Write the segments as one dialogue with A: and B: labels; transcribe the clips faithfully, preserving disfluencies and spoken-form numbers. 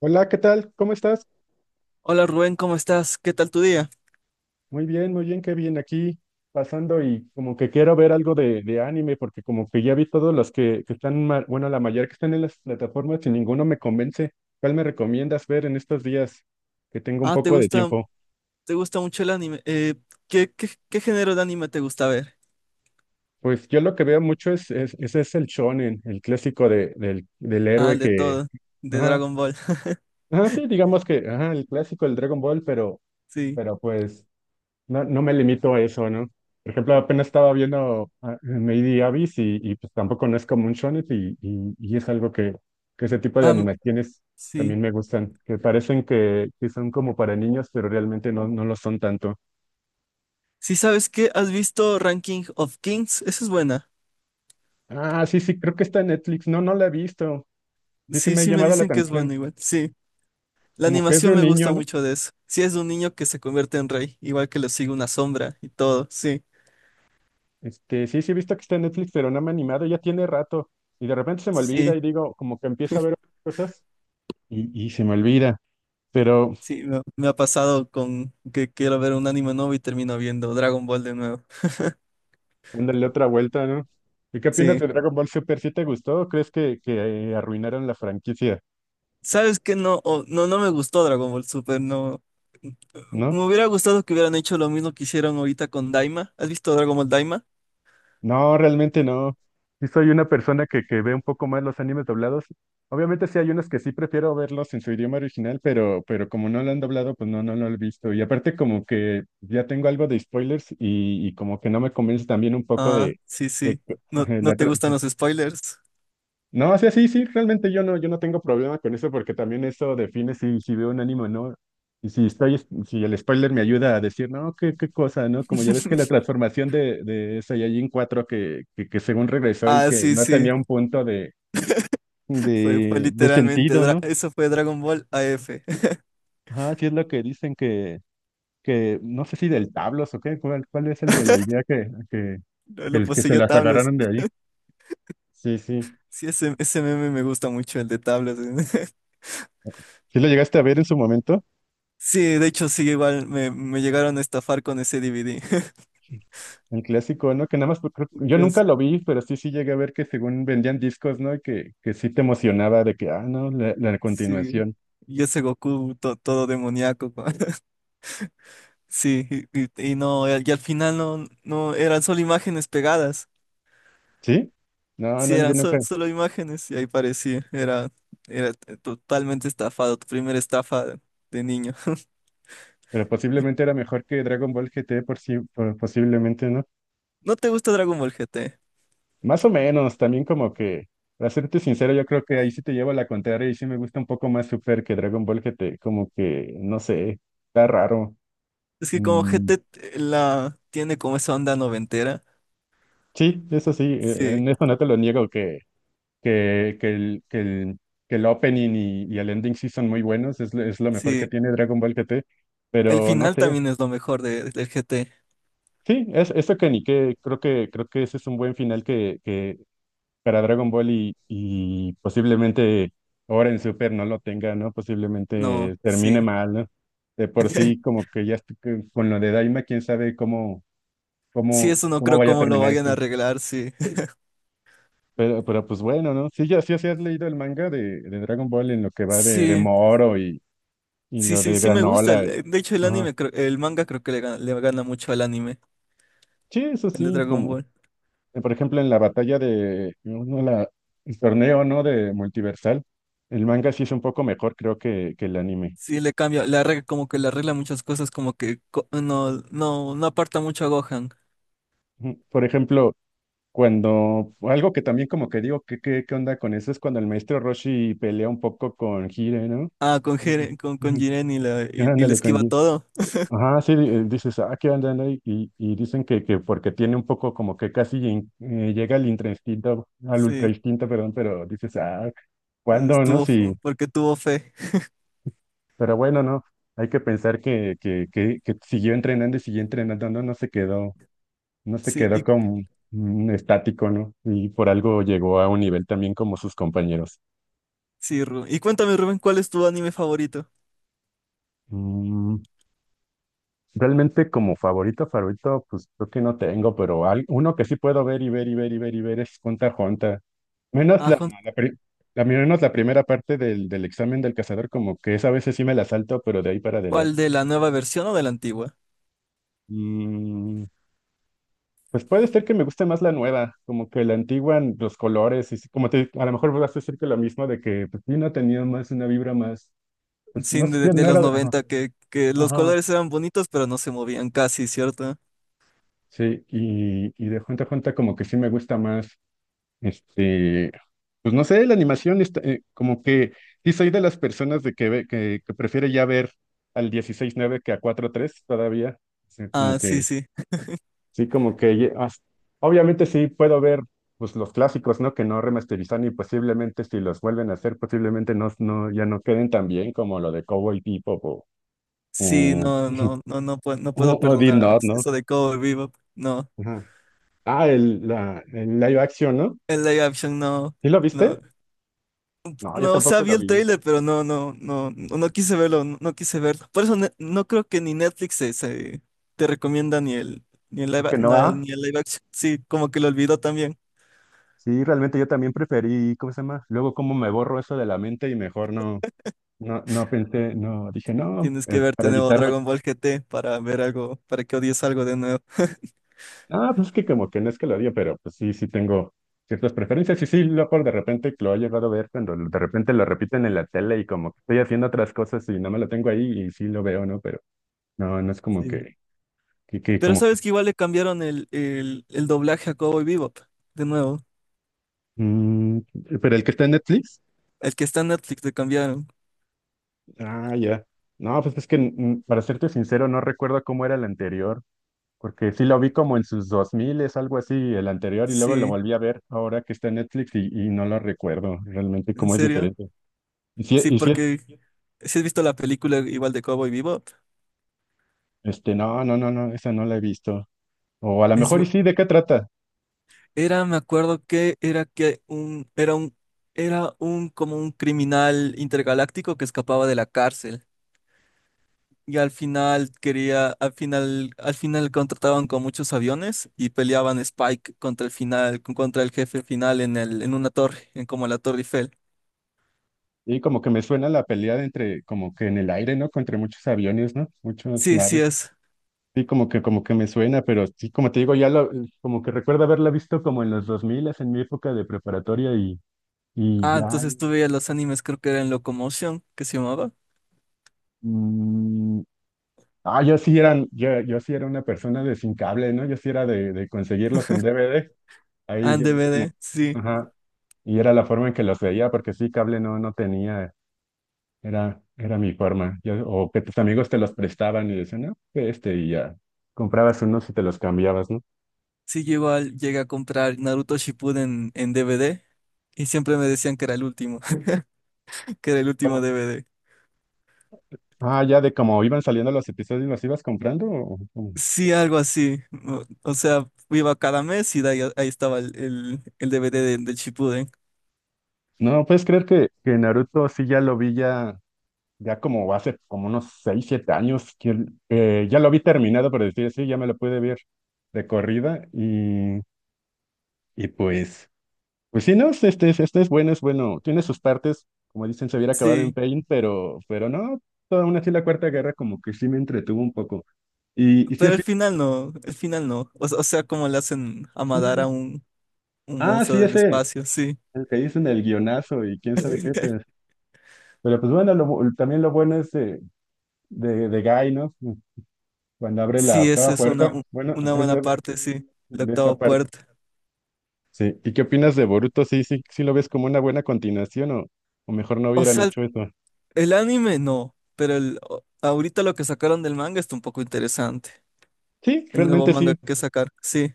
A: Hola, ¿qué tal? ¿Cómo estás?
B: Hola Rubén, ¿cómo estás? ¿Qué tal tu día?
A: Muy bien, muy bien, qué bien aquí pasando y como que quiero ver algo de, de anime porque como que ya vi todos los que, que están, ma- bueno, la mayoría que están en las plataformas y ninguno me convence. ¿Cuál me recomiendas ver en estos días que tengo un
B: Ah, ¿te
A: poco de
B: gusta,
A: tiempo?
B: te gusta mucho el anime? Eh, ¿qué, qué, qué género de anime te gusta ver?
A: Pues yo lo que veo mucho es, es, ese es el shonen, el clásico de, del, del
B: Ah,
A: héroe
B: el de
A: que,
B: todo, de
A: ajá,
B: Dragon Ball.
A: ajá, sí, digamos que, ajá, el clásico, el Dragon Ball, pero,
B: Sí.
A: pero pues... no, no me limito a eso, ¿no? Por ejemplo, apenas estaba viendo ah, Lady Abyss y, y pues tampoco no es como un shonen y, y, y es algo que, que ese tipo de
B: Am-
A: animaciones
B: sí.
A: también me gustan, que parecen que, que son como para niños, pero realmente no, no lo son tanto.
B: Sí, ¿sabes qué? ¿Has visto Ranking of Kings? Esa es buena.
A: Ah, sí, sí, creo que está en Netflix. No, no la he visto. Sí, sí
B: Sí,
A: me ha
B: sí me
A: llamado la
B: dicen que es
A: atención.
B: buena igual. Sí. La
A: Como que es de
B: animación
A: un
B: me
A: niño,
B: gusta
A: ¿no?
B: mucho de eso. Sí, es de un niño que se convierte en rey, igual que le sigue una sombra y todo. Sí.
A: Este, sí, sí he visto que está en Netflix, pero no me ha animado, ya tiene rato. Y de repente se me olvida
B: Sí,
A: y digo, como que empiezo a ver otras cosas y, y se me olvida. Pero
B: sí, me, me ha pasado con que quiero ver un anime nuevo y termino viendo Dragon Ball de nuevo.
A: ándale, otra vuelta, ¿no? ¿Y qué opinas
B: Sí.
A: de Dragon Ball Super? ¿Sí te gustó o crees que, que eh, arruinaron la franquicia?
B: ¿Sabes qué? No, o- no, no me gustó Dragon Ball Super, no. Me
A: ¿No?
B: hubiera gustado que hubieran hecho lo mismo que hicieron ahorita con Daima. ¿Has visto Dragon Ball Daima?
A: No, realmente no. Sí soy una persona que, que ve un poco más los animes doblados. Obviamente sí hay unos que sí prefiero verlos en su idioma original, pero, pero como no lo han doblado, pues no, no, no lo he visto. Y aparte como que ya tengo algo de spoilers y, y como que no me convence también un poco
B: Ah,
A: de,
B: sí,
A: de
B: sí. ¿No, no
A: la
B: te
A: trama.
B: gustan los spoilers?
A: No, o sea, sí, sí, realmente yo no, yo no tengo problema con eso porque también eso define si, si veo un anime o no. Y si estoy, es- si el spoiler me ayuda a decir, no, qué, qué cosa, ¿no? Como ya ves que la transformación de, de Saiyajin cuatro que, que, que según regresó y
B: Ah,
A: que
B: sí,
A: no
B: sí.
A: tenía un punto de,
B: Fue, fue
A: de, de
B: literalmente,
A: sentido,
B: dra-
A: ¿no?
B: eso fue Dragon Ball A F.
A: Ajá, sí es lo que dicen que, que no sé si del tablos o qué, cuál, cuál es el de la idea que, que,
B: Lo, lo
A: que, que se
B: poseyó
A: las
B: Tablas.
A: agarraron de ahí. Sí, sí.
B: Sí, ese, ese meme me gusta mucho, el de Tablas.
A: ¿Sí lo llegaste a ver en su momento?
B: Sí, de hecho, sí, igual me, me llegaron a estafar con ese D V D.
A: El clásico, ¿no? Que nada más, por- creo- yo nunca
B: Gracias.
A: lo vi, pero sí, sí llegué a ver que según vendían discos, ¿no? Y que, que sí te emocionaba de que, ah, no, la, la
B: Sí.
A: continuación.
B: Y ese Goku to- todo demoníaco. Sí, y, y- y no, y al final no, no, eran solo imágenes pegadas.
A: ¿Sí? No,
B: Sí,
A: no, yo
B: eran
A: nunca.
B: sol- solo imágenes y ahí parecía. Era, era t- totalmente estafado, tu primera estafa de, de niño.
A: Pero
B: ¿Y
A: posiblemente era mejor que Dragon Ball G T, por sí, por- posiblemente, ¿no?
B: no te gusta Dragon Ball G T?
A: Más o menos, también como que, para serte sincero, yo creo que ahí sí te llevo la contraria y sí me gusta un poco más Super que Dragon Ball G T, como que, no sé, está raro.
B: Es que como GT
A: Mm,
B: t- t- la tiene como esa onda noventera.
A: sí, eso sí, eh,
B: Sí,
A: en eso no te lo niego, que, que el, que el, que el opening y, y el ending sí son muy buenos, es, lo- es lo mejor
B: sí.
A: que tiene Dragon Ball G T,
B: El
A: pero no
B: final
A: sé.
B: también es lo mejor de, del G T.
A: Sí, es eso que ni que creo que creo que ese es un buen final que, que para Dragon Ball y, y posiblemente ahora en Super no lo tenga, ¿no?
B: No,
A: Posiblemente termine
B: sí.
A: mal, ¿no? De por sí, como que ya estoy que- con lo de Daima, quién sabe cómo,
B: Sí,
A: cómo,
B: eso no
A: cómo
B: creo
A: vaya a
B: cómo lo
A: terminar
B: vayan a
A: esto.
B: arreglar, sí.
A: Pero, pero pues bueno, ¿no? Sí, ya sí, sí has leído el manga de, de Dragon Ball en lo que va de, de
B: Sí.
A: Moro. Y
B: Sí,
A: lo
B: sí,
A: de
B: sí me gusta.
A: granola. Y-
B: el- De hecho, el
A: Ajá.
B: anime, creo- el manga creo que le gana, le gana mucho al anime,
A: Sí, eso
B: el de
A: sí,
B: Dragon
A: como,
B: Ball.
A: eh, por ejemplo, en la batalla de, no, no, la, el torneo, ¿no? De Multiversal, el manga sí es un poco mejor, creo, que, que el anime.
B: Sí, le cambia, le arregla, como que le arregla muchas cosas, como que co- no, no, no aparta mucho a Gohan.
A: Ujú. Por ejemplo, cuando, algo que también como que digo, ¿qué, qué, qué onda con eso? Es cuando el maestro Roshi pelea un poco con Hire, ¿no?
B: Ah, con
A: Ujú.
B: Jiren, con, con
A: Ujú.
B: Jiren y, la, y, y le
A: Ándale, con
B: esquiva
A: Hire.
B: todo.
A: Ajá, sí, eh, dices, ah, ¿qué onda? No?" Y, y, y dicen que, que porque tiene un poco como que casi in- eh, llega al intra instinto, al ultra
B: Sí,
A: instinto, perdón, pero dices, ah, ¿cuándo, no?
B: estuvo, f-
A: Sí,
B: porque tuvo fe.
A: pero bueno, no. Hay que pensar que, que, que, que siguió entrenando y siguió entrenando, no, no se quedó, no se
B: Sí,
A: quedó
B: y,
A: como mm, estático, ¿no? Y por algo llegó a un nivel también como sus compañeros.
B: sí, Ru- y cuéntame, Rubén, ¿cuál es tu anime favorito?
A: Mm, realmente como favorito, favorito, pues creo que no tengo, pero al- uno que sí puedo ver y ver y ver y ver y ver es Junta Jonta. Menos
B: Ah,
A: la,
B: Jun-
A: la, pri- la- menos la primera parte del, del examen del cazador, como que esa a veces sí me la salto, pero de ahí para
B: ¿cuál
A: adelante.
B: de la nueva versión o de la antigua?
A: Mm, pues puede ser que me guste más la nueva, como que la antigua, n- los colores, y sí, como te, a lo mejor vas a decir que lo mismo de que pues sí, no tenía más una vibra más, pues
B: Sí,
A: no
B: de,
A: sé,
B: de
A: no
B: los
A: era, de- ajá,
B: noventa que, que los
A: ajá,
B: colores eran bonitos, pero no se movían casi, ¿cierto?
A: sí, y, y de Junta a Junta como que sí me gusta más, este, pues no sé, la animación, está, eh, como que sí soy de las personas de que, ve- que, que prefiere ya ver al dieciséis nueve que a cuatro tres todavía, o sea, como
B: Ah,
A: que
B: sí, sí.
A: sí, como que ye- as- obviamente sí puedo ver pues los clásicos, ¿no? Que no remasterizan y posiblemente si los vuelven a hacer, posiblemente no, no, ya no queden tan bien como lo de Cowboy Bebop o,
B: Sí,
A: o,
B: no, no, no, no puedo, no
A: o-
B: puedo
A: o Death
B: perdonar a
A: Note, ¿no?
B: eso de Cowboy Bebop. No,
A: Ajá. Ah, el, la, el live action, ¿no?
B: el live action no,
A: ¿Sí lo
B: no,
A: viste? No, yo
B: no, o sea,
A: tampoco
B: vi
A: lo
B: el
A: vi.
B: trailer, pero no, no, no, no, no quise verlo, no, no quise verlo. Por eso ne- no creo que ni Netflix se, se- te recomienda ni el, ni el
A: Creo
B: live, a-
A: que no,
B: na-
A: ah.
B: ni el live action. Sí, como que lo olvidó también.
A: Sí, realmente yo también preferí, ¿cómo se llama? Luego como me borro eso de la mente y mejor no, no, no pensé, no, dije no,
B: Tienes que
A: eh,
B: verte
A: para
B: nuevo
A: evitarme.
B: Dragon Ball G T para ver algo, para que odies algo de nuevo.
A: Ah, pues es que como que no es que lo odie, pero pues sí, sí tengo ciertas preferencias. Y sí, loco, de repente lo he llegado a ver cuando de repente lo repiten en la tele y como que estoy haciendo otras cosas y no me lo tengo ahí y sí lo veo, ¿no? Pero no, no es como
B: Sí.
A: que, que, que
B: Pero
A: como que...
B: sabes que igual le cambiaron el, el, el doblaje a Cowboy Bebop, de nuevo.
A: mm, pero el que está en Netflix,
B: El que está en Netflix le cambiaron.
A: ah, ya. No, pues es que mm, para serte sincero, no recuerdo cómo era el anterior, porque sí lo vi como en sus dos mil es algo así, el anterior, y luego lo
B: Sí.
A: volví a ver ahora que está en Netflix y, y no lo recuerdo realmente
B: ¿En
A: cómo es
B: serio?
A: diferente. Y sí
B: Sí,
A: y sí.
B: porque si has visto la película igual de Cowboy Bebop,
A: Este, no, no, no, no, esa no la he visto. O a lo
B: es,
A: mejor y
B: bu-
A: sí, ¿de qué trata?
B: era, me acuerdo que era que un, era un, era un como un criminal intergaláctico que escapaba de la cárcel. Y al final quería, al final, al final contrataban con muchos aviones y peleaban Spike contra el final, contra el jefe final en el, en una torre, en como la Torre Eiffel.
A: Y como que me suena la pelea de entre, como que en el aire, ¿no? Contra muchos aviones, ¿no? Muchas
B: Sí, sí
A: naves.
B: es.
A: Sí, como que, como que me suena, pero sí, como te digo, ya lo, como que recuerdo haberla visto como en los dos mil, en mi época de preparatoria y, y
B: Ah,
A: ya,
B: entonces tú veías los animes, creo que era en Locomotion, que se llamaba.
A: mm, ah, yo sí eran, yo, yo sí era una persona de sin cable, ¿no? Yo sí era de, de conseguirlos en D V D,
B: Ah,
A: ahí,
B: en
A: ya ves
B: D V D,
A: como,
B: sí.
A: ajá, y era la forma en que los veía, porque sí, cable no, no tenía. Era, era mi forma. Yo- o que tus amigos te los prestaban y decían, no, que este, y ya. Comprabas unos y te los cambiabas, ¿no?
B: Sí, yo igual llegué a comprar Naruto Shippuden en D V D y siempre me decían que era el último, que era el último
A: Como-
B: D V D.
A: Ah, ya de cómo iban saliendo los episodios, ¿los ibas comprando? o- o-
B: Sí, algo así. O, o sea, iba cada mes y de ahí, ahí estaba el, el, el D V D de- del Shippuden.
A: No, puedes creer que, que Naruto sí ya lo vi ya, ya como hace como unos seis siete años, que, que ya lo vi terminado, por decir así, ya me lo pude ver de corrida y, y pues. Pues sí, no, este, este, es- este es bueno, es bueno. Tiene sus partes, como dicen, se hubiera acabado en
B: Sí,
A: Pain, pero, pero no, toda una así la Cuarta Guerra como que sí me entretuvo un poco. Y, y si
B: pero
A: has
B: el
A: visto
B: final no, el final no. O, o sea, como le hacen a Madara
A: también.
B: un, un
A: Ah,
B: monstruo
A: sí,
B: del
A: ese,
B: espacio, sí.
A: el que dicen el guionazo y quién sabe qué, pero, pero pues bueno, lo bu- también lo bueno es de, de, de Guy, ¿no? Cuando abre la
B: Sí, esa
A: octava
B: es una,
A: puerta,
B: u-
A: bueno,
B: una
A: es
B: buena
A: de,
B: parte, sí, la
A: de esa
B: octava
A: parte.
B: puerta.
A: Sí, ¿y qué opinas de Boruto? Sí, sí, sí lo ves como una buena continuación o, o mejor no
B: O
A: hubieran
B: sea,
A: hecho eso.
B: el anime no, pero el, o- ahorita lo que sacaron del manga está un poco interesante.
A: Sí,
B: El nuevo
A: realmente
B: manga
A: sí.
B: que sacar, sí.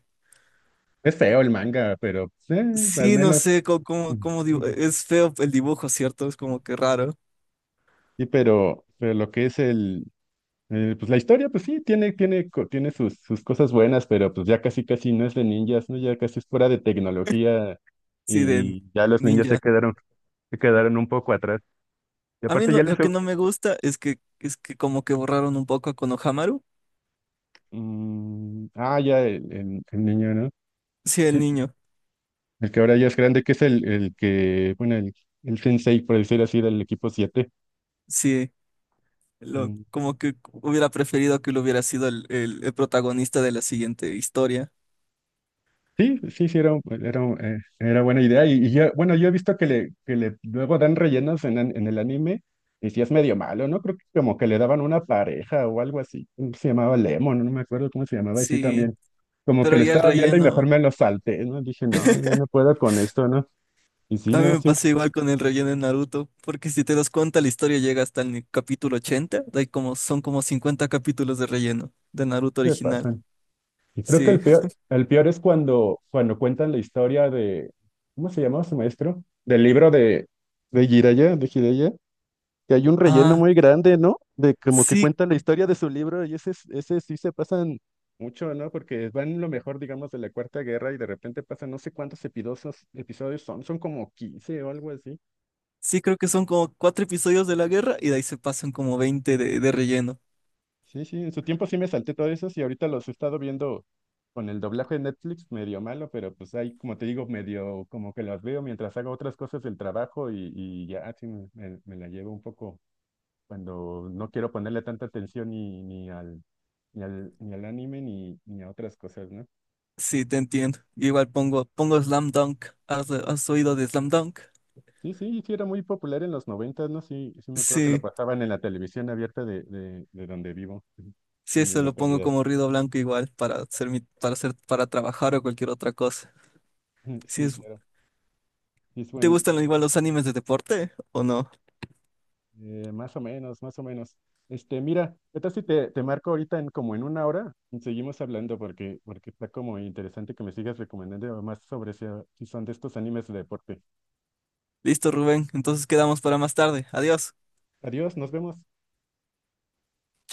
A: Es feo el manga, pero pues, eh, al
B: Sí, no
A: menos.
B: sé cómo, cómo, cómo dibu- es feo el dibujo, ¿cierto? Es como que raro.
A: Y pero, pero lo que es el, eh, pues la historia, pues sí, tiene, tiene, co- tiene sus, sus cosas buenas, pero pues ya casi casi no es de ninjas, ¿no? Ya casi es fuera de tecnología
B: Sí, de
A: y ya los ninjas se
B: ninja.
A: quedaron, se quedaron un poco atrás. Y
B: A mí
A: aparte
B: lo,
A: ya les...
B: lo que no me gusta es que es que como que borraron un poco a Konohamaru.
A: mm, ah, ya el, el, el niño, ¿no?
B: Sí, el
A: Sí,
B: niño.
A: el que ahora ya es grande, que es el, el que, bueno, el, el sensei, por decir así, del equipo siete.
B: Sí, lo,
A: Mm.
B: como que hubiera preferido que lo hubiera sido el, el el protagonista de la siguiente historia.
A: Sí, sí, sí, era, un- era, un- eh, era buena idea. Y, y yo- bueno, yo he visto que le, que le luego dan rellenos en, an- en el anime, y sí es medio malo, ¿no? Creo que como que le daban una pareja o algo así. Se llamaba Lemon, no me acuerdo cómo se llamaba, y sí
B: Sí,
A: también. Como que
B: pero
A: lo
B: ya el
A: estaba viendo y
B: relleno.
A: mejor me lo salté, ¿no? Dije, no, yo no puedo con esto, ¿no? Y sí,
B: A mí
A: no,
B: me
A: sí
B: pasa igual con el relleno de Naruto, porque si te das cuenta, la historia llega hasta el capítulo ochenta, hay como, son como cincuenta capítulos de relleno de Naruto
A: se
B: original.
A: pasan. Y creo que
B: Sí.
A: el peor, el peor es cuando, cuando cuentan la historia de, ¿cómo se llamaba su maestro? Del libro de, de Jiraiya, de Jiraiya, que hay un relleno
B: Ah,
A: muy grande, ¿no? De como que
B: sí,
A: cuenta la historia de su libro y ese, es- ese sí se pasan mucho, ¿no? Porque van lo mejor, digamos, de la Cuarta Guerra y de repente pasan no sé cuántos epidosos- episodios son, son como quince o algo así.
B: sí, creo que son como cuatro episodios de la guerra y de ahí se pasan como veinte de, de relleno.
A: Sí, sí, en su tiempo sí me salté todos esos y ahorita los he estado viendo con el doblaje de Netflix, medio malo, pero pues ahí, como te digo, medio como que los veo mientras hago otras cosas del trabajo y, y ya, así me, me- me la llevo un poco cuando no quiero ponerle tanta atención ni, ni al, ni al, ni al anime ni, ni a otras cosas, ¿no?
B: Sí, te entiendo. Igual pongo, pongo Slam Dunk. ¿Has, has oído de Slam Dunk?
A: Sí, sí, sí, era muy popular en los noventas, ¿no? Sí, sí me acuerdo que lo
B: Sí,
A: pasaban en la televisión abierta de, de, de donde vivo,
B: sí,
A: de mi
B: eso lo pongo
A: localidad.
B: como ruido blanco igual para hacer mi, para hacer, para trabajar o cualquier otra cosa. Sí,
A: Sí,
B: es,
A: claro. Sí, es
B: ¿te
A: buen,
B: gustan igual los animes de deporte o no?
A: eh, más o menos, más o menos. Este, mira, ¿qué tal si te, te marco ahorita en como en una hora? Y seguimos hablando porque, porque está como interesante que me sigas recomendando más sobre si, si son de estos animes de deporte.
B: Listo, Rubén. Entonces quedamos para más tarde. Adiós.
A: Adiós, nos vemos.
B: Chao.